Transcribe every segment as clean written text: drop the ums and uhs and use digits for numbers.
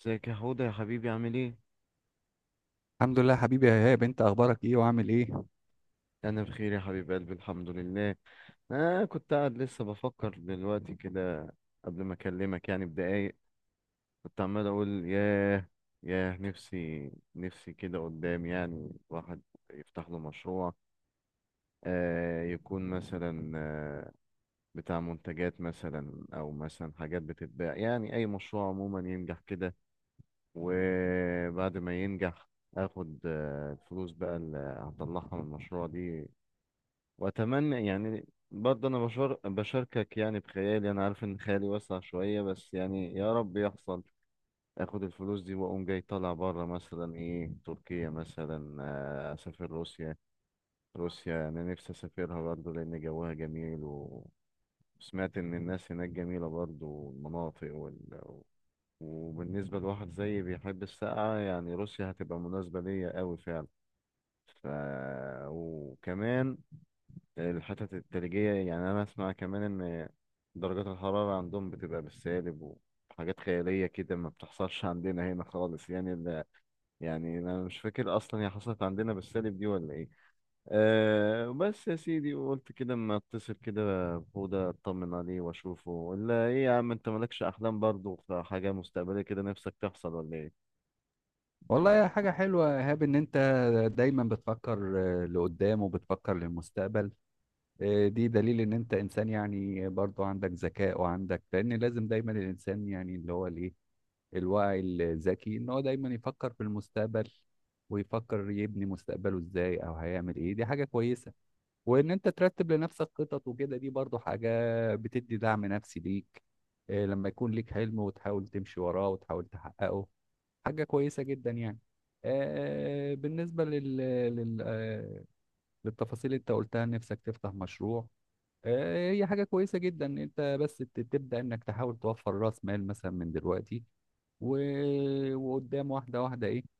ازيك يا حوده يا حبيبي عامل ايه؟ الحمد لله حبيبي يا ايهاب، انت اخبارك ايه وعامل ايه؟ انا بخير يا حبيب قلبي، الحمد لله. انا كنت قاعد لسه بفكر دلوقتي كده. قبل ما اكلمك يعني بدقايق، كنت عمال اقول ياه، ياه نفسي نفسي كده قدام يعني واحد يفتح له مشروع، يكون مثلا بتاع منتجات مثلا او مثلا حاجات بتتباع يعني اي مشروع عموما ينجح كده. وبعد ما ينجح، اخد الفلوس بقى اللي هطلعها من المشروع دي. واتمنى يعني برضه انا بشاركك يعني بخيالي، انا عارف ان خيالي واسع شويه بس يعني يا رب يحصل. اخد الفلوس دي واقوم جاي طالع بره مثلا ايه تركيا مثلا. اسافر روسيا. روسيا انا نفسي اسافرها برضه لان جوها جميل، وسمعت ان الناس هناك جميله برضه والمناطق. وبالنسبه لواحد زيي بيحب السقعه يعني روسيا هتبقى مناسبه ليا قوي فعلا. ف... وكمان الحتت التلجية، يعني أنا أسمع كمان إن درجات الحرارة عندهم بتبقى بالسالب، وحاجات خيالية كده ما بتحصلش عندنا هنا خالص، يعني يعني أنا مش فاكر أصلا هي حصلت عندنا بالسالب دي ولا إيه. أه بس يا سيدي قلت كده أما أتصل كده، بهدى أطمن عليه وأشوفه. ولا إيه يا عم، أنت مالكش أحلام برضه في حاجة مستقبلية كده نفسك تحصل ولا إيه؟ والله يا حاجه حلوه يا ايهاب ان انت دايما بتفكر لقدام وبتفكر للمستقبل. دي دليل ان انت انسان، يعني برضو عندك ذكاء وعندك، لان لازم دايما الانسان يعني اللي هو الايه، الواعي الذكي، ان هو دايما يفكر في المستقبل ويفكر يبني مستقبله ازاي او هيعمل ايه. دي حاجه كويسه، وان انت ترتب لنفسك خطط وكده دي برضو حاجة بتدي دعم نفسي ليك. لما يكون ليك حلم وتحاول تمشي وراه وتحاول تحققه، حاجة كويسة جدا يعني. بالنسبة لل... لل... آه، للتفاصيل اللي انت قلتها نفسك تفتح مشروع، هي حاجة كويسة جدا ان انت بس تبدأ انك تحاول توفر راس مال مثلا من دلوقتي. و... وقدام واحدة واحدة ايه،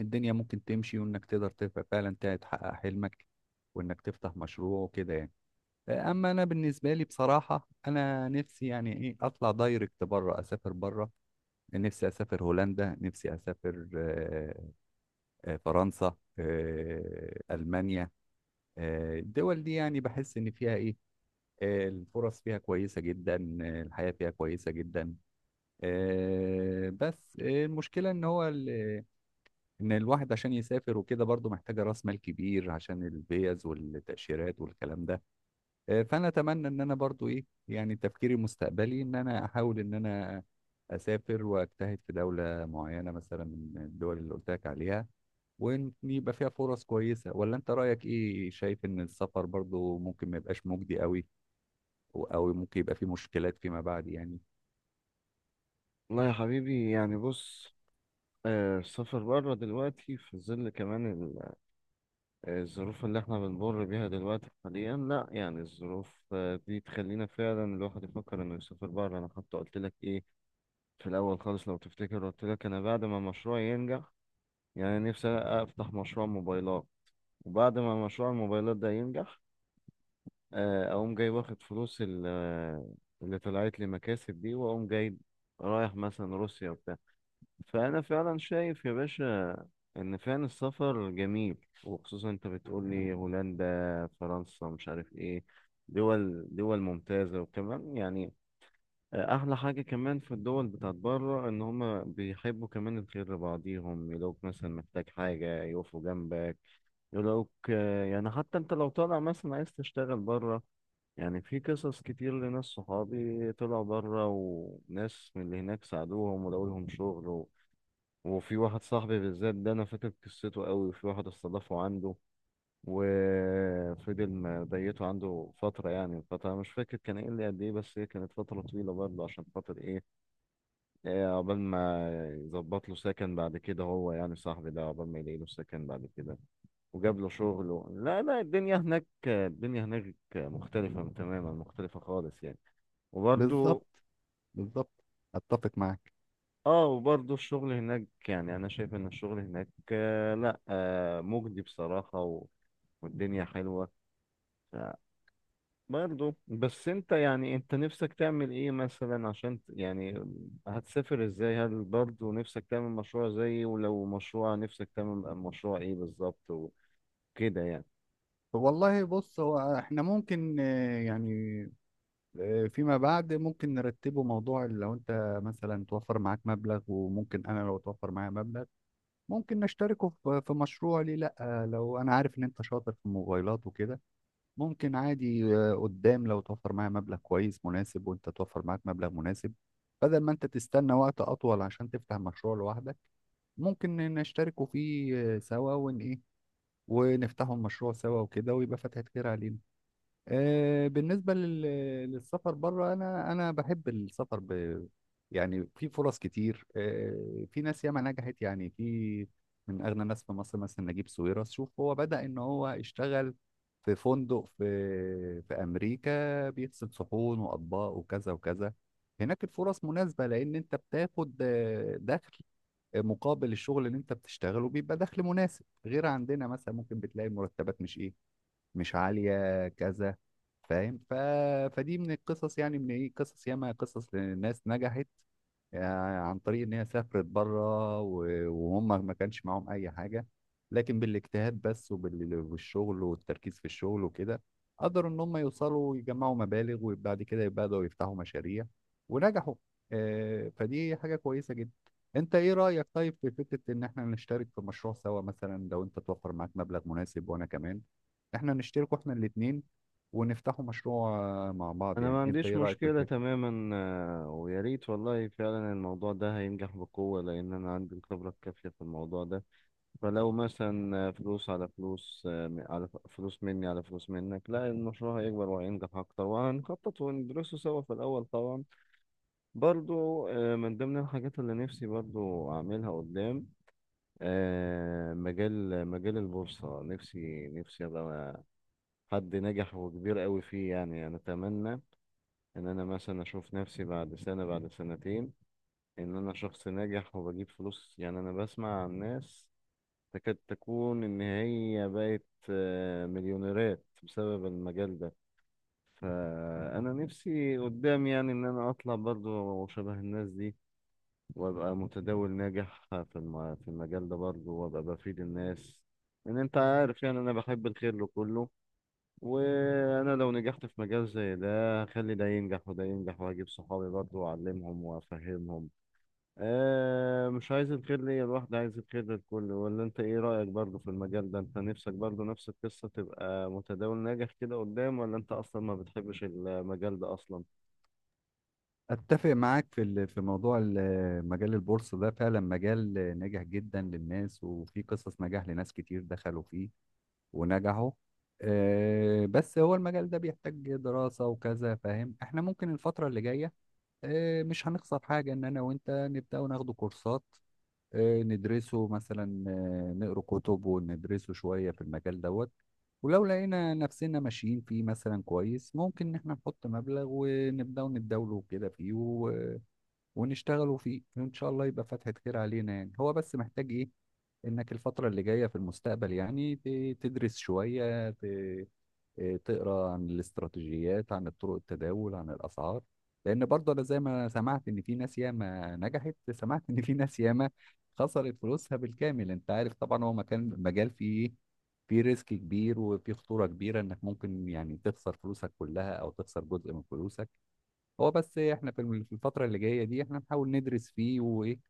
الدنيا ممكن تمشي وانك تقدر فعلا تحقق حلمك وانك تفتح مشروع وكده يعني. اما انا بالنسبه لي بصراحه، انا نفسي يعني ايه اطلع دايركت بره، اسافر بره. نفسي اسافر هولندا، نفسي اسافر فرنسا، المانيا. الدول دي يعني بحس ان فيها ايه، الفرص فيها كويسه جدا، الحياه فيها كويسه جدا. بس المشكله ان ان الواحد عشان يسافر وكده برضه محتاجه راس مال كبير عشان الفيز والتاشيرات والكلام ده. فانا اتمنى ان انا برضو ايه، يعني تفكيري المستقبلي ان انا احاول ان انا اسافر واجتهد في دوله معينه مثلا من الدول اللي قلت لك عليها، وان يبقى فيها فرص كويسه. ولا انت رايك ايه؟ شايف ان السفر برضو ممكن ما يبقاش مجدي قوي، او ممكن يبقى فيه مشكلات فيما بعد يعني. والله يا حبيبي يعني بص، السفر بره دلوقتي في ظل كمان الظروف اللي احنا بنمر بيها دلوقتي حاليا، لا يعني الظروف دي تخلينا فعلا الواحد يفكر انه يسافر بره. انا حتى قلت لك ايه في الاول خالص لو تفتكر، قلت لك انا بعد ما مشروعي ينجح، يعني نفسي افتح مشروع موبايلات، وبعد ما مشروع الموبايلات ده ينجح، اقوم جاي واخد فلوس اللي طلعت لي مكاسب دي، واقوم جاي رايح مثلا روسيا. فأنا فعلا شايف يا باشا إن فعلا السفر جميل، وخصوصا أنت بتقولي هولندا، فرنسا، مش عارف إيه. دول ممتازة وكمان يعني أحلى حاجة كمان في الدول بتاعت بره إن هما بيحبوا كمان الخير لبعضيهم، يلاقوك مثلا محتاج حاجة يقفوا جنبك، يلاقوك يعني حتى أنت لو طالع مثلا عايز تشتغل بره، يعني في قصص كتير لناس صحابي طلعوا بره وناس من اللي هناك ساعدوهم ولاقوا لهم شغل. وفي واحد صاحبي بالذات ده انا فاكر قصته قوي، وفي واحد استضافه عنده، وفضل مضيته عنده فترة، يعني فترة مش فاكر كان ايه اللي قد ايه بس هي كانت فترة طويلة برضه، عشان خاطر ايه، إيه، عقبال ما يظبط له سكن بعد كده، هو يعني صاحبي ده عقبال ما يلاقي له سكن بعد كده، وجاب له شغل. لا لا، الدنيا هناك، الدنيا هناك مختلفة تماما، مختلفة خالص يعني. وبرضه، بالظبط، بالظبط، اتفق معاك. اه وبرضه الشغل هناك، يعني انا شايف ان الشغل هناك، لا، مجدي بصراحة والدنيا حلوة برضه. بس انت يعني انت نفسك تعمل ايه مثلا عشان يعني هتسافر ازاي؟ هل برضه نفسك تعمل مشروع زيي؟ ولو مشروع نفسك تعمل مشروع ايه بالظبط وكده يعني. والله بص، هو احنا ممكن يعني فيما بعد ممكن نرتبه موضوع. لو انت مثلا توفر معاك مبلغ، وممكن انا لو توفر معايا مبلغ، ممكن نشتركه في مشروع، ليه لا؟ لو انا عارف ان انت شاطر في الموبايلات وكده، ممكن عادي قدام، لو توفر معايا مبلغ كويس مناسب وانت توفر معاك مبلغ مناسب، بدل ما انت تستنى وقت اطول عشان تفتح مشروع لوحدك، ممكن نشتركوا فيه سوا ون ايه، ونفتحوا المشروع سوا وكده، ويبقى فتحة خير علينا. آه، بالنسبة لل- للسفر بره، أنا بحب السفر يعني في فرص كتير، في ناس ياما نجحت، يعني في من أغنى ناس في مصر مثلا نجيب ساويرس، شوف هو بدأ إن هو اشتغل في فندق في أمريكا بيغسل صحون وأطباق وكذا وكذا. هناك الفرص مناسبة، لأن أنت بتاخد دخل مقابل الشغل اللي أنت بتشتغله، بيبقى دخل مناسب، غير عندنا مثلا ممكن بتلاقي المرتبات مش إيه، مش عالية كذا، فاهم؟ فدي من القصص، يعني من ايه، قصص ياما، قصص لناس نجحت يعني عن طريق ان هي سافرت بره وهم ما كانش معاهم اي حاجه، لكن بالاجتهاد بس والشغل والتركيز في الشغل وكده، قدروا ان هم يوصلوا ويجمعوا مبالغ، وبعد كده بدأوا يفتحوا مشاريع ونجحوا. فدي حاجه كويسه جدا. انت ايه رأيك طيب في فكره ان احنا نشترك في مشروع سوا؟ مثلا لو انت توفر معاك مبلغ مناسب وانا كمان، احنا نشترك احنا الاثنين ونفتحوا مشروع مع بعض، انا يعني ما انت عنديش ايه رأيك في مشكلة الفكره؟ تماما، ويا ريت والله فعلا الموضوع ده هينجح بقوة، لان انا عندي الخبرة الكافية في الموضوع ده. فلو مثلا فلوس على فلوس، على فلوس مني على فلوس منك، لا المشروع هيكبر وهينجح أكتر، وهنخطط وندرسه سوا في الأول طبعا. برضو، من ضمن الحاجات اللي نفسي برضو أعملها قدام، مجال البورصة. نفسي نفسي أبقى حد ناجح وكبير قوي فيه، يعني أنا أتمنى إن أنا مثلا أشوف نفسي بعد سنة بعد سنتين إن أنا شخص ناجح وبجيب فلوس. يعني أنا بسمع عن ناس تكاد تكون إن هي بقت مليونيرات بسبب المجال ده، فأنا نفسي قدام يعني إن أنا أطلع برضو شبه الناس دي، وأبقى متداول ناجح في المجال ده برضو، وأبقى بفيد الناس. إن أنت عارف يعني أنا بحب الخير لكله، وأنا لو نجحت في مجال زي ده هخلي ده ينجح وده ينجح، وهجيب صحابي برضو وأعلمهم وأفهمهم. مش عايز الخير ليا لوحدي، عايز الخير للكل. ولا انت ايه رأيك برضه في المجال ده؟ انت نفسك برضه نفس القصة تبقى متداول ناجح كده قدام؟ ولا انت اصلا ما بتحبش المجال ده اصلا؟ اتفق معاك في في موضوع مجال البورصه ده، فعلا مجال ناجح جدا للناس، وفي قصص نجاح لناس كتير دخلوا فيه ونجحوا. بس هو المجال ده بيحتاج دراسه وكذا، فاهم؟ احنا ممكن الفتره اللي جايه مش هنخسر حاجه ان انا وانت نبدا وناخده كورسات، ندرسه مثلا، نقرا كتب وندرسه شويه في المجال دوت. ولو لقينا نفسنا ماشيين فيه مثلا كويس، ممكن ان احنا نحط مبلغ ونبدأ نتداوله كده فيه ونشتغلوا فيه، وإن شاء الله يبقى فتحة خير علينا. يعني هو بس محتاج إيه؟ إنك الفترة اللي جاية في المستقبل يعني تدرس شوية تقرأ عن الاستراتيجيات، عن طرق التداول، عن الأسعار. لأن برضه أنا زي ما سمعت إن في ناس ياما نجحت، سمعت إن في ناس ياما خسرت فلوسها بالكامل. أنت عارف طبعا هو مكان مجال فيه إيه، في ريسك كبير وفي خطورة كبيرة، إنك ممكن يعني تخسر فلوسك كلها أو تخسر جزء من فلوسك. هو بس إيه، احنا في في الفترة اللي جاية دي احنا نحاول ندرس فيه وايه،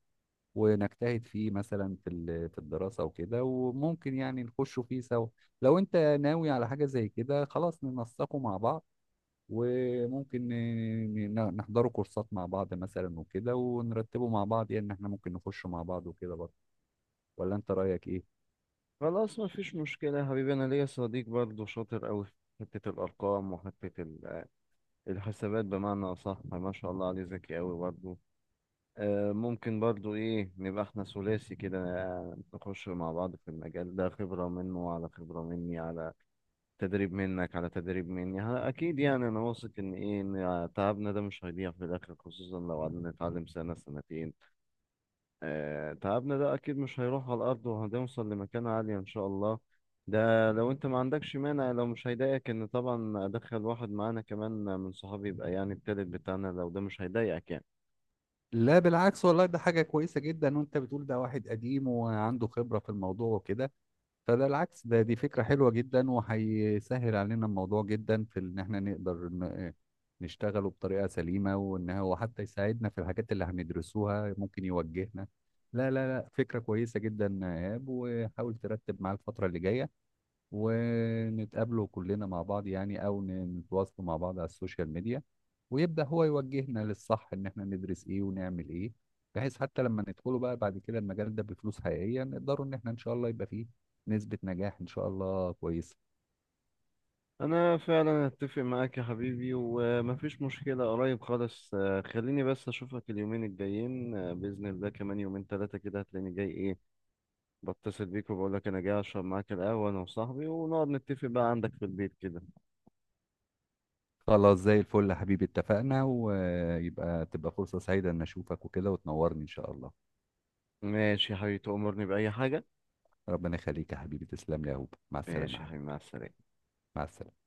ونجتهد فيه مثلا في في الدراسة وكده، وممكن يعني نخشوا فيه سوا. لو انت ناوي على حاجة زي كده، خلاص ننسقه مع بعض، وممكن نحضروا كورسات مع بعض مثلا وكده، ونرتبه مع بعض، يعني ان احنا ممكن نخش مع بعض وكده برضه. ولا انت رأيك ايه؟ خلاص، ما فيش مشكلة يا حبيبي. انا ليا صديق برضه شاطر قوي في حتة الارقام وحتة الحسابات، بمعنى اصح ما شاء الله عليه ذكي قوي برضه. ممكن برضه ايه نبقى احنا ثلاثي كده، نخش مع بعض في المجال ده، خبرة منه على خبرة مني، على تدريب منك على تدريب مني. اكيد يعني انا واثق ان ايه ان تعبنا ده مش هيضيع في الاخر، خصوصا لو قعدنا نتعلم سنة سنتين. تعبنا ده اكيد مش هيروح على الارض، وهنوصل لمكان عالي ان شاء الله. ده لو انت ما عندكش مانع، لو مش هيضايقك ان طبعا ادخل واحد معانا كمان من صحابي، يبقى يعني التالت بتاعنا، لو ده مش هيضايقك يعني. لا بالعكس والله، ده حاجة كويسة جدا، وانت بتقول ده واحد قديم وعنده خبرة في الموضوع وكده، فده العكس، ده دي فكرة حلوة جدا، وهيسهل علينا الموضوع جدا في ان احنا نقدر نشتغله بطريقة سليمة، وان هو حتى يساعدنا في الحاجات اللي هندرسوها ممكن يوجهنا. لا لا لا، فكرة كويسة جدا يا ايهاب، وحاول ترتب معاه الفترة اللي جاية، ونتقابلوا كلنا مع بعض، يعني او نتواصلوا مع بعض على السوشيال ميديا، ويبدأ هو يوجهنا للصح ان احنا ندرس ايه ونعمل ايه، بحيث حتى لما ندخله بقى بعد كده المجال ده بفلوس حقيقية، نقدروا ان احنا ان شاء الله يبقى فيه نسبة نجاح ان شاء الله كويسة. انا فعلا اتفق معاك يا حبيبي ومفيش مشكلة. قريب خالص، خليني بس اشوفك اليومين الجايين، باذن الله كمان يومين ثلاثة كده هتلاقيني جاي ايه، بتصل بيك وبقول لك انا جاي اشرب معاك القهوه انا وصاحبي، ونقعد نتفق بقى عندك في البيت كده. خلاص زي الفل يا حبيبي، اتفقنا، ويبقى تبقى فرصة سعيدة ان اشوفك وكده وتنورني ان شاء الله. ماشي يا حبيبي، تأمرني بأي حاجه. ربنا يخليك يا حبيبي، تسلم لي يا هوب، مع السلامة ماشي يا يا حبيبي. حبيبي، مع السلامه. مع السلامة.